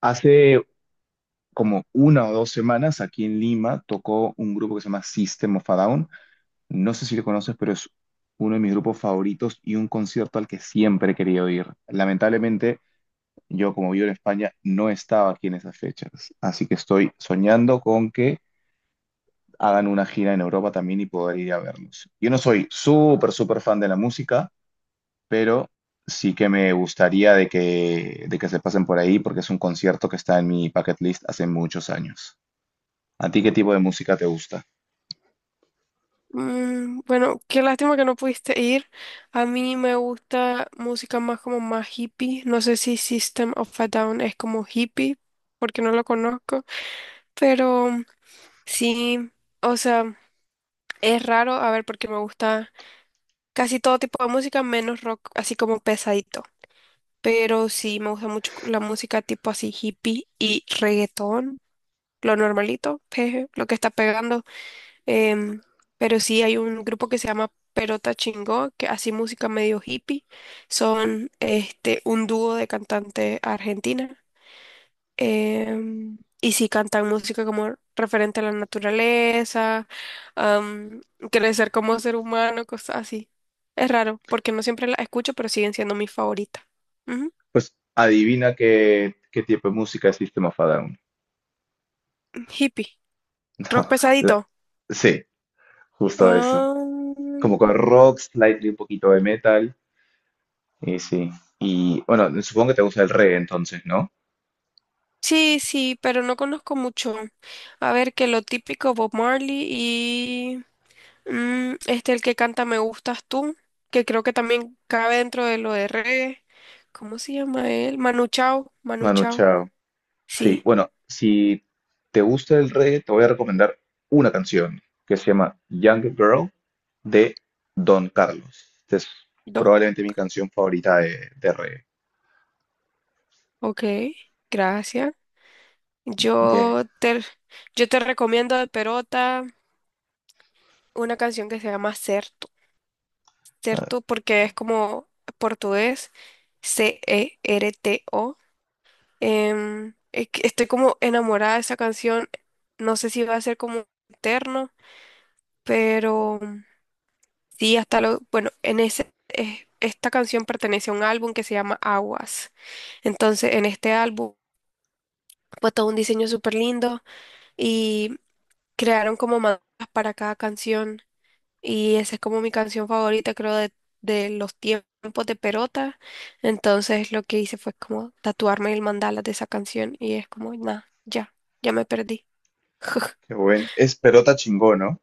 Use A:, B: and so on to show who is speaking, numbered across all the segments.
A: Hace como una o dos semanas aquí en Lima tocó un grupo que se llama System of a Down. No sé si lo conoces, pero es uno de mis grupos favoritos y un concierto al que siempre he querido ir. Lamentablemente, yo como vivo en España no estaba aquí en esas fechas, así que estoy soñando con que hagan una gira en Europa también y poder ir a verlos. Yo no soy súper, súper fan de la música, pero sí que me gustaría de que se pasen por ahí porque es un concierto que está en mi bucket list hace muchos años. ¿A ti qué tipo de música te gusta?
B: Bueno, qué lástima que no pudiste ir. A mí me gusta música más como más hippie. No sé si System of a Down es como hippie, porque no lo conozco. Pero sí, o sea, es raro, a ver, porque me gusta casi todo tipo de música, menos rock, así como pesadito. Pero sí, me gusta mucho la música tipo así hippie y reggaetón, lo normalito, jeje, lo que está pegando. Em, pero sí, hay un grupo que se llama Perota Chingó, que hace música medio hippie. Son este, un dúo de cantante argentina. Y sí cantan música como referente a la naturaleza, am, crecer como ser humano, cosas así. Es raro, porque no siempre la escucho, pero siguen siendo mi favorita. Ujú.
A: Pues adivina qué tipo de música es System of a Down.
B: Hippie. Rock
A: No, la-
B: pesadito.
A: Sí, justo eso.
B: Ah,
A: Como con rock, slightly un poquito de metal. Y sí. Y bueno, supongo que te gusta el reggae entonces, ¿no?
B: Sí, sí, pero no conozco mucho. A ver, que lo típico Bob Marley y este el que canta Me gustas tú, que creo que también cabe dentro de lo de reggae. ¿Cómo se llama él? Manu Chao, Manu
A: Manu
B: Chao.
A: Chao. Sí,
B: Sí,
A: bueno, si te gusta el reggae, te voy a recomendar una canción que se llama Young Girl de Don Carlos. Esta es
B: dos.
A: probablemente mi canción favorita de reggae.
B: Ok, gracias.
A: Bien.
B: Yo te, yo te recomiendo de Perota una canción que se llama Certo. Certo porque es como portugués, Certo. Es que estoy como enamorada de esa canción. No sé si va a ser como eterno, pero sí, hasta lo... Bueno, en ese, esta canción pertenece a un álbum que se llama Aguas. Entonces, en este álbum fue todo un diseño súper lindo y crearon como mandalas para cada canción. Y esa es como mi canción favorita, creo, de los tiempos de Perota. Entonces, lo que hice fue como tatuarme el mandala de esa canción y es como, nada, ya, ya me perdí.
A: Qué bueno. Es Perota Chingó, ¿no?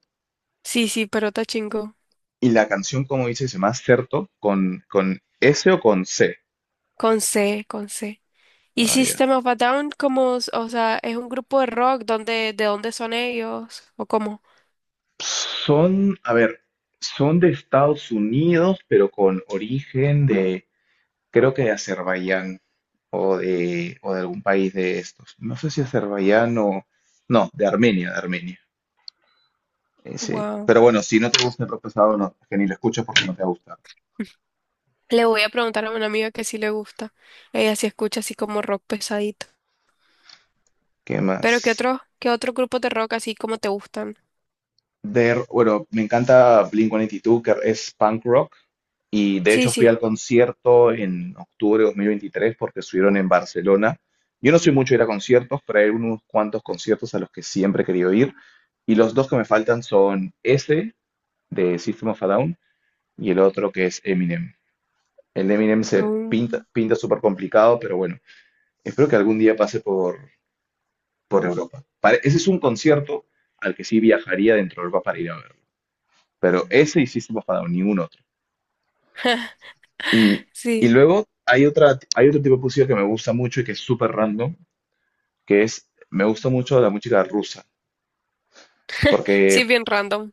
B: Sí, sí, pero está chingo.
A: Y la canción, como dice, se llama Certo con S o con C.
B: Con C. Y
A: Ah, ya.
B: System of a Down, como, o sea, es un grupo de rock, donde, ¿de dónde son ellos? ¿O cómo?
A: Son, a ver, son de Estados Unidos, pero con origen de, creo que de Azerbaiyán o de algún país de estos. No sé si Azerbaiyán o, no, de Armenia, de Armenia. Sí.
B: Wow.
A: Pero bueno, si no te gusta el rock pesado, no, que ni lo escuches porque no te va a gustar.
B: Le voy a preguntar a una amiga que sí le gusta. Ella sí escucha así como rock pesadito.
A: ¿Qué
B: Pero
A: más?
B: qué otros grupos de rock así como te gustan?
A: De, bueno, me encanta Blink-182, que es punk rock, y de
B: Sí,
A: hecho fui
B: sí.
A: al concierto en octubre de 2023 porque estuvieron en Barcelona. Yo no soy mucho de ir a conciertos, pero hay unos cuantos conciertos a los que siempre he querido ir. Y los dos que me faltan son ese de System of a Down y el otro que es Eminem. El de Eminem se pinta,
B: Mm,
A: pinta súper complicado, pero bueno, espero que algún día pase por Europa. Ese es un concierto al que sí viajaría dentro de Europa para ir a ver pero ese hiciste para ningún otro. Y, y
B: sí.
A: luego hay otro tipo de música que me gusta mucho y que es súper random, que es, me gusta mucho la música rusa,
B: Sí,
A: porque
B: es bien random.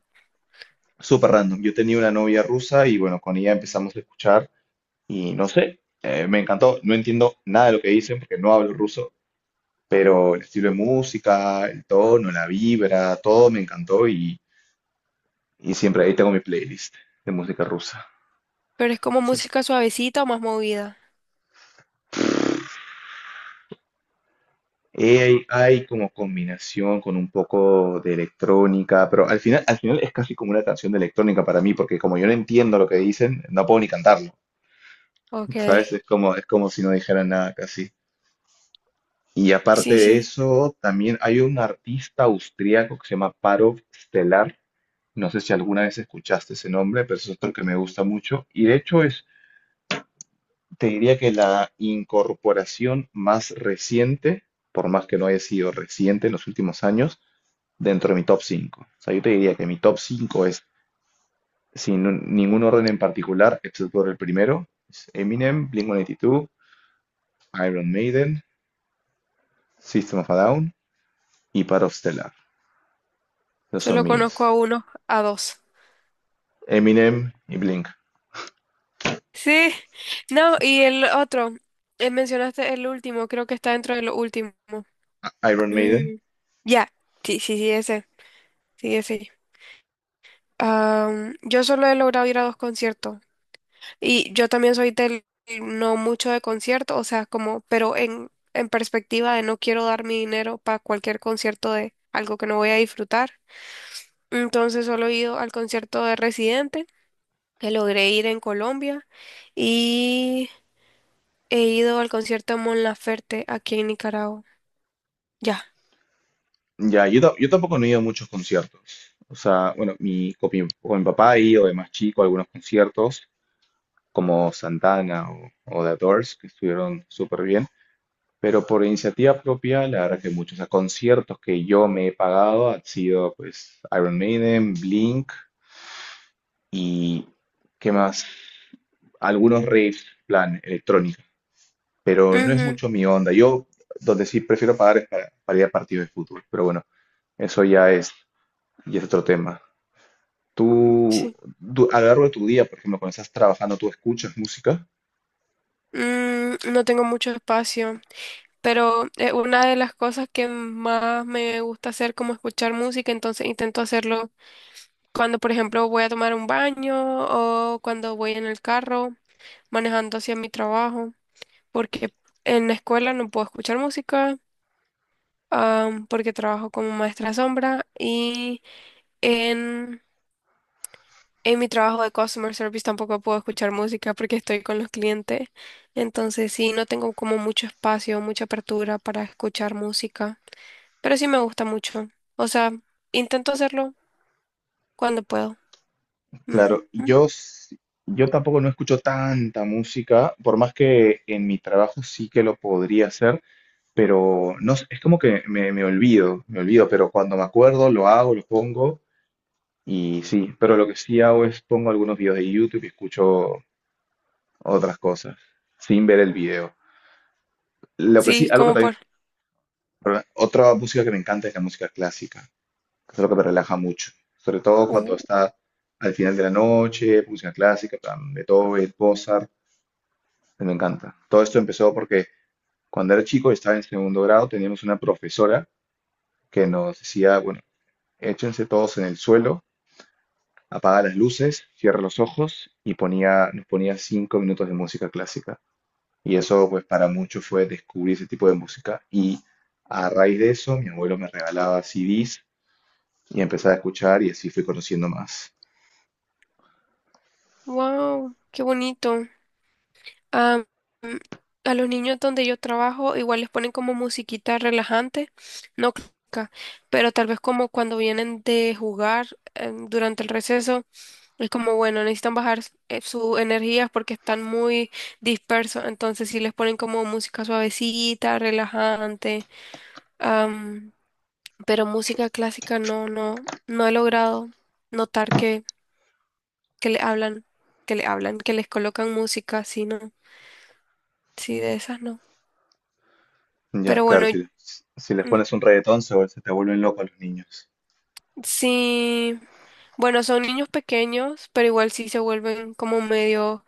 A: súper random. Yo tenía una novia rusa y bueno, con ella empezamos a escuchar y no sé, me encantó. No entiendo nada de lo que dicen porque no hablo ruso, pero el estilo de música, el tono, la vibra, todo me encantó y siempre ahí tengo mi playlist de música rusa.
B: Pero es como
A: Sí.
B: música suavecita o más movida.
A: Hay como combinación con un poco de electrónica, pero al final es casi como una canción de electrónica para mí, porque como yo no entiendo lo que dicen, no puedo ni cantarlo,
B: Ok.
A: ¿sabes? Es como si no dijeran nada casi. Y aparte
B: Sí,
A: de
B: sí.
A: eso, también hay un artista austriaco que se llama Parov Stelar, no sé si alguna vez escuchaste ese nombre, pero es otro que me gusta mucho. Y de hecho es, te diría que la incorporación más reciente, por más que no haya sido reciente en los últimos años, dentro de mi top 5. O sea, yo te diría que mi top 5 es, sin un- ningún orden en particular, excepto por el primero, es Eminem, Blink-182, Iron Maiden, System of a Down y Part of Stellar. Esos son
B: Solo conozco
A: mis
B: a uno, a dos.
A: Eminem y Blink,
B: Sí, no, y el otro, mencionaste el último, creo que está dentro de lo último.
A: Iron Maiden.
B: Mm. Ya. Sí, sí, sí, ese, sí, ese. Yo solo he logrado ir a dos conciertos y yo también soy del no mucho de concierto, o sea, como, pero en perspectiva de no quiero dar mi dinero para cualquier concierto de algo que no voy a disfrutar. Entonces solo he ido al concierto de Residente, que logré ir en Colombia. He ido al concierto de Mon Laferte aquí en Nicaragua. Ya.
A: Ya, yo tampoco no he ido a muchos conciertos. O sea, bueno, con mi papá he ido de más chico a algunos conciertos, como Santana o The Doors, que estuvieron súper bien. Pero por iniciativa propia, la verdad que muchos, o sea, conciertos que yo me he pagado han sido pues Iron Maiden, Blink y ¿qué más? Algunos raves, plan electrónica, pero no es mucho mi onda. Yo donde sí prefiero pagar es para ir a partidos de fútbol, pero bueno, eso ya es otro tema.
B: Ujú.
A: Tú,
B: Sí.
A: a lo largo de tu día, por ejemplo, cuando estás trabajando, ¿tú escuchas música?
B: No tengo mucho espacio, pero una de las cosas que más me gusta hacer como escuchar música, entonces intento hacerlo cuando, por ejemplo, voy a tomar un baño o cuando voy en el carro manejando hacia mi trabajo, porque en la escuela no puedo escuchar música, porque trabajo como maestra sombra y en en mi trabajo de customer service tampoco puedo escuchar música porque estoy con los clientes. Entonces sí, no tengo como mucho espacio, mucha apertura para escuchar música. Pero sí me gusta mucho. O sea, intento hacerlo cuando puedo. Ujú.
A: Claro, yo tampoco no escucho tanta música, por más que en mi trabajo sí que lo podría hacer, pero no, es como que me olvido, me olvido, pero cuando me acuerdo lo hago, lo pongo y sí, pero lo que sí hago es pongo algunos videos de YouTube y escucho otras cosas sin ver el video. Lo que sí,
B: Sí,
A: algo que
B: como por...
A: también, perdón, otra música que me encanta es la música clásica, que es lo que me relaja mucho, sobre todo
B: Uh,
A: cuando está al final de la noche, música clásica, en plan, Beethoven, Mozart. Me encanta. Todo esto empezó porque cuando era chico, estaba en segundo grado, teníamos una profesora que nos decía, bueno, échense todos en el suelo, apaga las luces, cierra los ojos y ponía, nos ponía 5 minutos de música clásica. Y eso, pues, para muchos fue descubrir ese tipo de música. Y a raíz de eso, mi abuelo me regalaba CDs y empezaba a escuchar y así fui conociendo más.
B: wow, qué bonito. Am, a los niños donde yo trabajo igual les ponen como musiquita relajante, no clásica, pero tal vez como cuando vienen de jugar durante el receso, es como bueno, necesitan bajar su energía porque están muy dispersos, entonces sí les ponen como música suavecita, relajante, am, pero música clásica no, no, no he logrado notar que le hablan, que le hablan, que les colocan música, sino, sí, no, sí, de esas no.
A: Ya,
B: Pero
A: claro,
B: bueno,
A: si les pones
B: mm,
A: un reggaetón, se te vuelven locos los niños.
B: sí, bueno, son niños pequeños, pero igual sí se vuelven como medio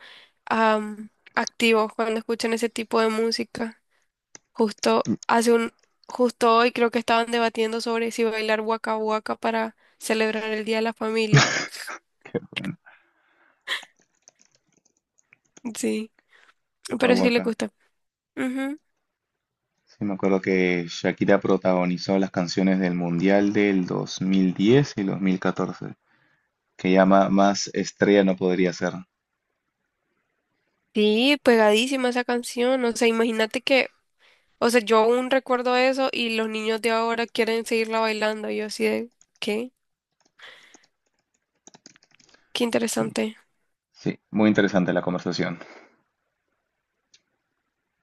B: am, activos cuando escuchan ese tipo de música. Justo hace un, justo hoy creo que estaban debatiendo sobre si bailar Waka Waka para celebrar el Día de la Familia.
A: Qué bueno.
B: Sí,
A: Acá
B: pero sí le
A: waka.
B: gusta. Ujú.
A: Sí, me acuerdo que Shakira protagonizó las canciones del Mundial del 2010 y 2014, que ya más estrella no podría ser.
B: Sí, pegadísima esa canción. O sea, imagínate que, o sea, yo aún recuerdo eso y los niños de ahora quieren seguirla bailando. Y yo así de, ¿qué? Qué
A: Sí,
B: interesante.
A: sí, muy interesante la conversación.